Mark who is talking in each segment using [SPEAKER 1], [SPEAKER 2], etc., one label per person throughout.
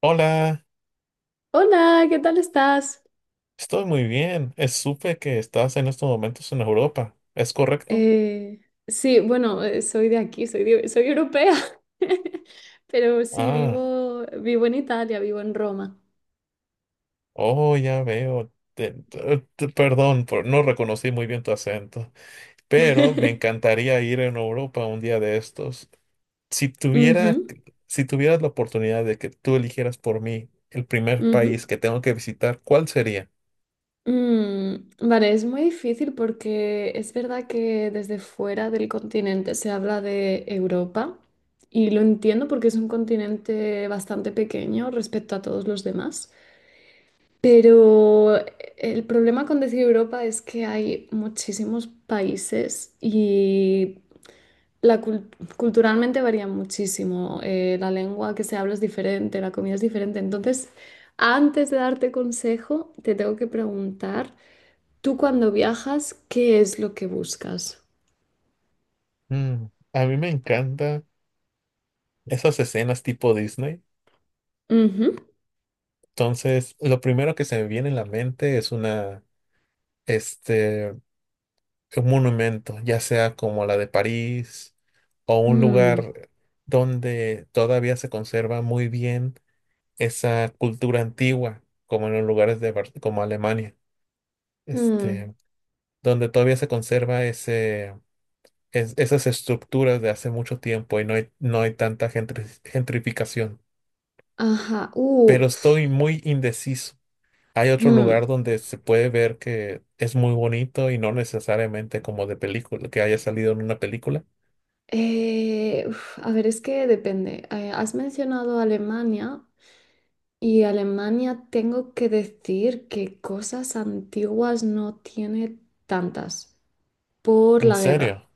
[SPEAKER 1] Hola,
[SPEAKER 2] Hola, ¿qué tal estás?
[SPEAKER 1] estoy muy bien. Supe que estás en estos momentos en Europa. ¿Es correcto?
[SPEAKER 2] Eh, sí, bueno, soy de aquí, soy europea, pero sí,
[SPEAKER 1] Ah,
[SPEAKER 2] vivo en Italia, vivo en Roma.
[SPEAKER 1] oh, ya veo. Perdón, no reconocí muy bien tu acento, pero me encantaría ir en Europa un día de estos. Si
[SPEAKER 2] Ujú,
[SPEAKER 1] tuviera, si tuvieras la oportunidad de que tú eligieras por mí el primer país
[SPEAKER 2] ujú.
[SPEAKER 1] que tengo que visitar, ¿cuál sería?
[SPEAKER 2] Vale, es muy difícil porque es verdad que desde fuera del continente se habla de Europa y lo entiendo porque es un continente bastante pequeño respecto a todos los demás. Pero el problema con decir Europa es que hay muchísimos países y la cul- culturalmente varía muchísimo. La lengua que se habla es diferente, la comida es diferente. Entonces, antes de darte consejo, te tengo que preguntar, tú cuando viajas, ¿qué es lo que buscas?
[SPEAKER 1] Mm, a mí me encantan esas escenas tipo Disney.
[SPEAKER 2] Ujú.
[SPEAKER 1] Entonces, lo primero que se me viene en la mente es una este, un monumento, ya sea como la de París o un
[SPEAKER 2] Mm,
[SPEAKER 1] lugar donde todavía se conserva muy bien esa cultura antigua, como en los lugares de como Alemania,
[SPEAKER 2] mm,
[SPEAKER 1] este, donde todavía se conserva esas estructuras de hace mucho tiempo y no hay tanta gentrificación.
[SPEAKER 2] ajá.
[SPEAKER 1] Pero estoy muy indeciso. Hay otro
[SPEAKER 2] Mm.
[SPEAKER 1] lugar donde se puede ver que es muy bonito y no necesariamente como de película, que haya salido en una película.
[SPEAKER 2] A ver, es que depende. Has mencionado Alemania. Y Alemania, tengo que decir que cosas antiguas no tiene tantas por
[SPEAKER 1] ¿En
[SPEAKER 2] la guerra.
[SPEAKER 1] serio?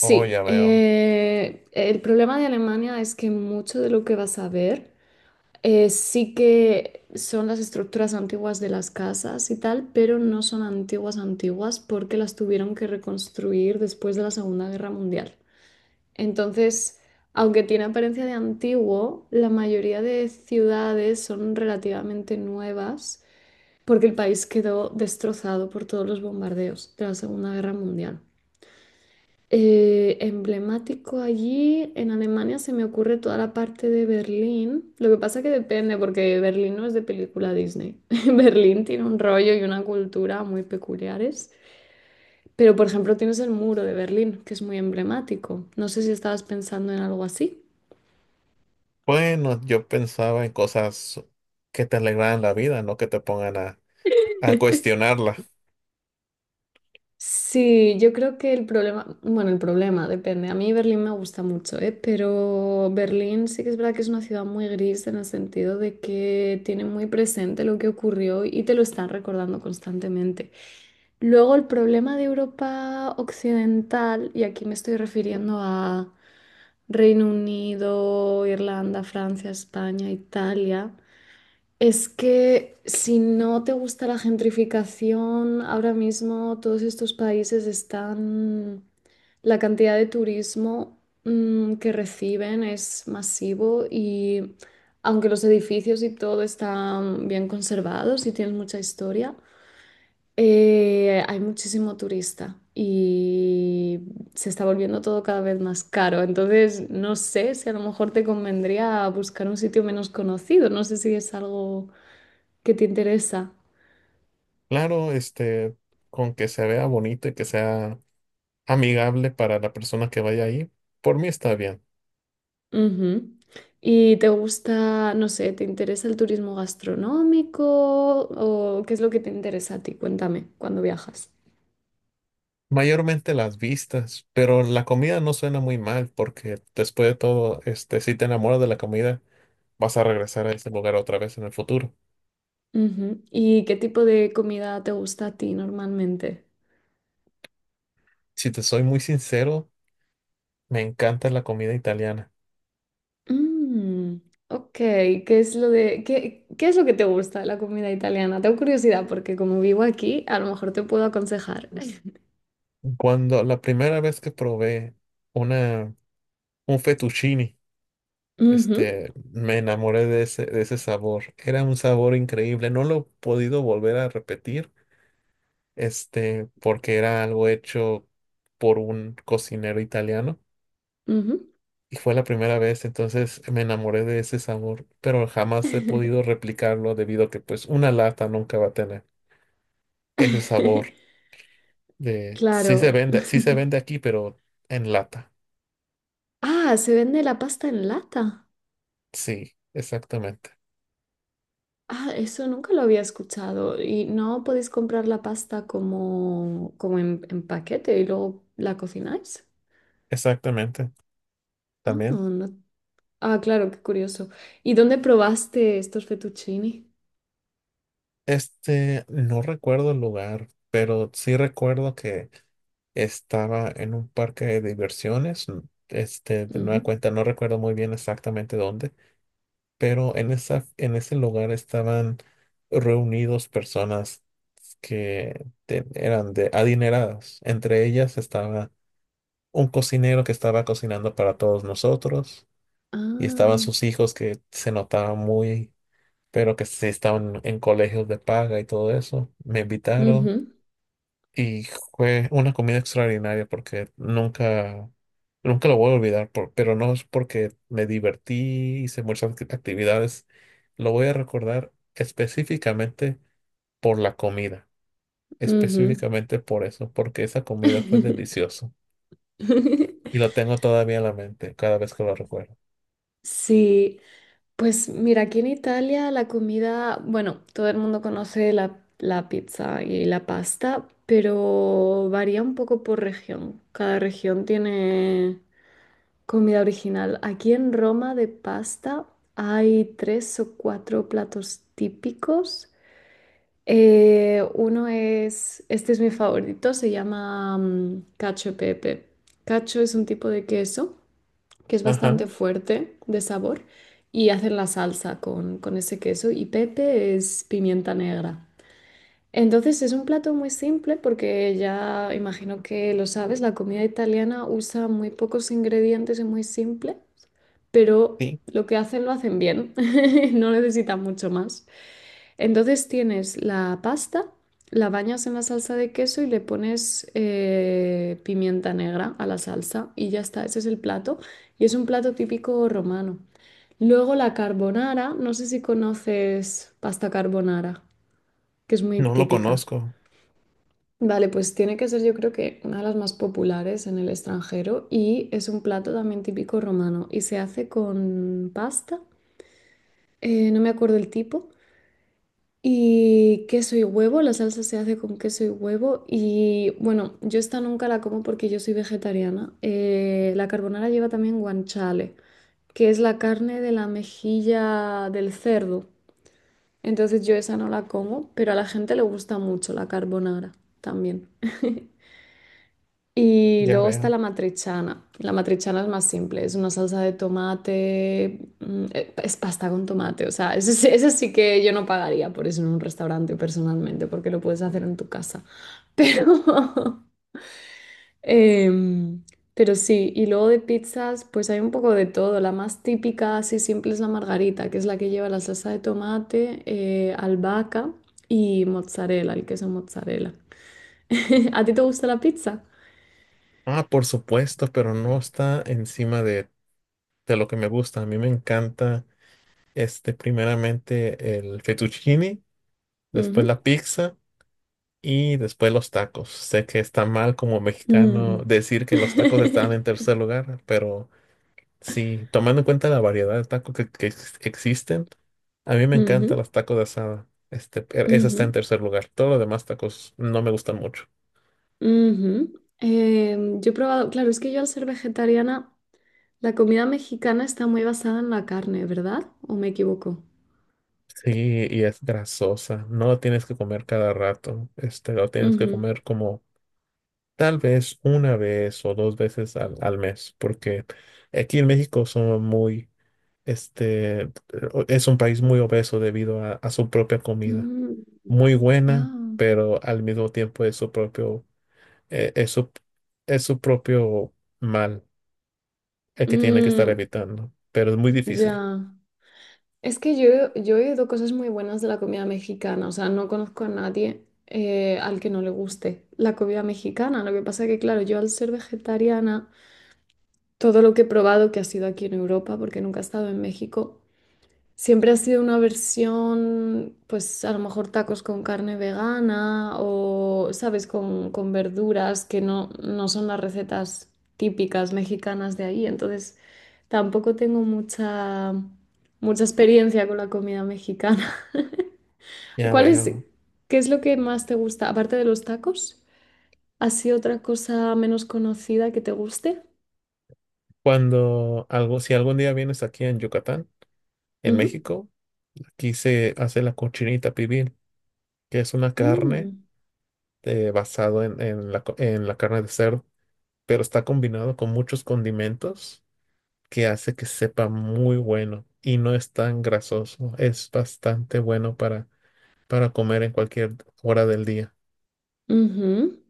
[SPEAKER 1] Oh, ya veo.
[SPEAKER 2] el problema de Alemania es que mucho de lo que vas a ver sí que son las estructuras antiguas de las casas y tal, pero no son antiguas antiguas porque las tuvieron que reconstruir después de la Segunda Guerra Mundial. Entonces, aunque tiene apariencia de antiguo, la mayoría de ciudades son relativamente nuevas porque el país quedó destrozado por todos los bombardeos de la Segunda Guerra Mundial. Emblemático allí en Alemania se me ocurre toda la parte de Berlín. Lo que pasa que depende porque Berlín no es de película Disney. Berlín tiene un rollo y una cultura muy peculiares. Pero por ejemplo tienes el muro de Berlín, que es muy emblemático. No sé si estabas pensando en algo así.
[SPEAKER 1] Bueno, yo pensaba en cosas que te alegraran la vida, no que te pongan a cuestionarla.
[SPEAKER 2] Sí, yo creo que el problema, bueno, el problema depende. A mí Berlín me gusta mucho, ¿eh? Pero Berlín sí que es verdad que es una ciudad muy gris en el sentido de que tiene muy presente lo que ocurrió y te lo están recordando constantemente. Luego el problema de Europa Occidental, y aquí me estoy refiriendo a Reino Unido, Irlanda, Francia, España, Italia. Es que si no te gusta la gentrificación, ahora mismo todos estos países están… La cantidad de turismo que reciben es masivo y aunque los edificios y todo están bien conservados y tienen mucha historia, hay muchísimo turista y se está volviendo todo cada vez más caro. Entonces, no sé si a lo mejor te convendría buscar un sitio menos conocido. No sé si es algo que te interesa.
[SPEAKER 1] Claro, con que se vea bonito y que sea amigable para la persona que vaya ahí, por mí está bien.
[SPEAKER 2] Ujú. ¿Y te gusta, no sé, te interesa el turismo gastronómico o qué es lo que te interesa a ti? Cuéntame, cuando viajas.
[SPEAKER 1] Mayormente las vistas, pero la comida no suena muy mal porque después de todo, si te enamoras de la comida, vas a regresar a ese lugar otra vez en el futuro.
[SPEAKER 2] Ujú. ¿Y qué tipo de comida te gusta a ti normalmente?
[SPEAKER 1] Si te soy muy sincero, me encanta la comida italiana.
[SPEAKER 2] Mm, ok, ¿qué es lo de, qué es lo que te gusta de la comida italiana? Tengo curiosidad porque como vivo aquí, a lo mejor te puedo aconsejar.
[SPEAKER 1] Cuando la primera vez que probé una, un fettuccine,
[SPEAKER 2] Ujú,
[SPEAKER 1] me enamoré de de ese sabor. Era un sabor increíble. No lo he podido volver a repetir, porque era algo hecho por un cocinero italiano.
[SPEAKER 2] ujú.
[SPEAKER 1] Y fue la primera vez, entonces me enamoré de ese sabor, pero jamás he podido replicarlo debido a que pues una lata nunca va a tener ese sabor de
[SPEAKER 2] Claro.
[SPEAKER 1] sí se vende aquí, pero en lata.
[SPEAKER 2] Ah, se vende la pasta en lata.
[SPEAKER 1] Sí, exactamente.
[SPEAKER 2] Ah, eso nunca lo había escuchado. Y no podéis comprar la pasta como, como en paquete y luego la cocináis.
[SPEAKER 1] Exactamente,
[SPEAKER 2] Ah,
[SPEAKER 1] también.
[SPEAKER 2] no, no. Ah, claro, qué curioso. ¿Y dónde probaste estos fettuccini?
[SPEAKER 1] No recuerdo el lugar, pero sí recuerdo que estaba en un parque de diversiones. De nueva
[SPEAKER 2] Ujú.
[SPEAKER 1] cuenta, no recuerdo muy bien exactamente dónde, pero en en ese lugar estaban reunidos personas eran de adineradas. Entre ellas estaba un cocinero que estaba cocinando para todos nosotros y estaban
[SPEAKER 2] Ah,
[SPEAKER 1] sus hijos que se notaban muy pero que sí estaban en colegios de paga y todo eso. Me invitaron
[SPEAKER 2] ujú,
[SPEAKER 1] y fue una comida extraordinaria porque nunca, nunca lo voy a olvidar, pero no es porque me divertí, hice muchas actividades. Lo voy a recordar específicamente por la comida,
[SPEAKER 2] ujú.
[SPEAKER 1] específicamente por eso, porque esa comida fue deliciosa y lo tengo todavía en la mente cada vez que lo recuerdo.
[SPEAKER 2] Sí, pues mira, aquí en Italia la comida, bueno, todo el mundo conoce la pizza y la pasta, pero varía un poco por región. Cada región tiene comida original. Aquí en Roma de pasta hay tres o cuatro platos típicos. Uno es, este es mi favorito, se llama cacio e pepe. Cacio es un tipo de queso que es
[SPEAKER 1] Ajá,
[SPEAKER 2] bastante fuerte de sabor y hacen la salsa con ese queso y pepe es pimienta negra. Entonces es un plato muy simple porque ya imagino que lo sabes, la comida italiana usa muy pocos ingredientes y muy simple, pero
[SPEAKER 1] sí,
[SPEAKER 2] lo que hacen lo hacen bien, no necesitan mucho más. Entonces tienes la pasta, la bañas en la salsa de queso y le pones pimienta negra a la salsa y ya está, ese es el plato y es un plato típico romano. Luego la carbonara, no sé si conoces pasta carbonara, que es muy
[SPEAKER 1] no lo
[SPEAKER 2] típica.
[SPEAKER 1] conozco,
[SPEAKER 2] Vale, pues tiene que ser yo creo que una de las más populares en el extranjero y es un plato también típico romano y se hace con pasta, no me acuerdo el tipo, y queso y huevo, la salsa se hace con queso y huevo y bueno, yo esta nunca la como porque yo soy vegetariana. La carbonara lleva también guanciale, que es la carne de la mejilla del cerdo, entonces yo esa no la como, pero a la gente le gusta mucho la carbonara también. Y
[SPEAKER 1] ya
[SPEAKER 2] luego está
[SPEAKER 1] veo.
[SPEAKER 2] la matriciana. La matriciana es más simple, es una salsa de tomate, es pasta con tomate, o sea, eso sí que yo no pagaría por eso en un restaurante personalmente, porque lo puedes hacer en tu casa. Pero em, pero sí, y luego de pizzas, pues hay un poco de todo. La más típica, así simple, es la margarita, que es la que lleva la salsa de tomate, albahaca y mozzarella, el queso mozzarella. ¿A ti te gusta la pizza?
[SPEAKER 1] Ah, por supuesto, pero no está encima de lo que me gusta. A mí me encanta, primeramente el fettuccine, después la pizza y después los tacos. Sé que está mal como mexicano
[SPEAKER 2] Mm.
[SPEAKER 1] decir que los tacos están en tercer lugar, pero sí, tomando en cuenta la variedad de tacos que existen, a mí me
[SPEAKER 2] Ujú,
[SPEAKER 1] encantan los tacos de asada. Esa
[SPEAKER 2] ujú,
[SPEAKER 1] está en tercer lugar. Todos los demás tacos no me gustan mucho.
[SPEAKER 2] ujú. Yo he probado, claro, es que yo al ser vegetariana, la comida mexicana está muy basada en la carne, ¿verdad? ¿O me equivoco?
[SPEAKER 1] Sí, y es grasosa. No lo tienes que comer cada rato. Este, lo tienes que
[SPEAKER 2] Ujú.
[SPEAKER 1] comer como Tal vez una vez o dos veces al mes, porque aquí en México somos muy, este, es un país muy obeso debido a su propia comida.
[SPEAKER 2] Mm,
[SPEAKER 1] Muy buena,
[SPEAKER 2] ah.
[SPEAKER 1] pero al mismo tiempo es su eh, es su, es su propio mal el que tiene que estar
[SPEAKER 2] Mm,
[SPEAKER 1] evitando, pero es muy difícil.
[SPEAKER 2] ya. Es que yo he oído cosas muy buenas de la comida mexicana, o sea, no conozco a nadie al que no le guste la comida mexicana. Lo que pasa que, claro, yo al ser vegetariana… Todo lo que he probado que ha sido aquí en Europa, porque nunca he estado en México, siempre ha sido una versión, pues a lo mejor tacos con carne vegana o, ¿sabes?, con verduras que no, no son las recetas típicas mexicanas de ahí. Entonces, tampoco tengo mucha, mucha experiencia con la comida mexicana.
[SPEAKER 1] Ya
[SPEAKER 2] ¿Cuál es,
[SPEAKER 1] veo.
[SPEAKER 2] qué es lo que más te gusta? Aparte de los tacos, ¿así otra cosa menos conocida que te guste?
[SPEAKER 1] Si algún día vienes aquí en Yucatán, en
[SPEAKER 2] Ujú.
[SPEAKER 1] México, aquí se hace la cochinita pibil, que es una carne.
[SPEAKER 2] Mm.
[SPEAKER 1] Basado en en la carne de cerdo, pero está combinado con muchos condimentos que hace que sepa muy bueno y no es tan grasoso. Es bastante bueno para comer en cualquier hora del día.
[SPEAKER 2] Ujú.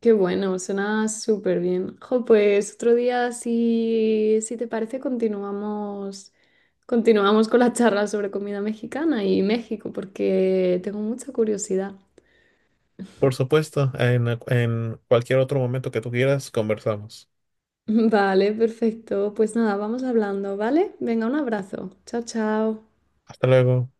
[SPEAKER 2] Qué bueno, suena súper bien. Jo, pues otro día, si, si te parece, continuamos, continuamos con la charla sobre comida mexicana y México, porque tengo mucha curiosidad.
[SPEAKER 1] Por supuesto, en cualquier otro momento que tú quieras, conversamos.
[SPEAKER 2] Vale, perfecto. Pues nada, vamos hablando, ¿vale? Venga, un abrazo. Chao, chao.
[SPEAKER 1] Hasta luego.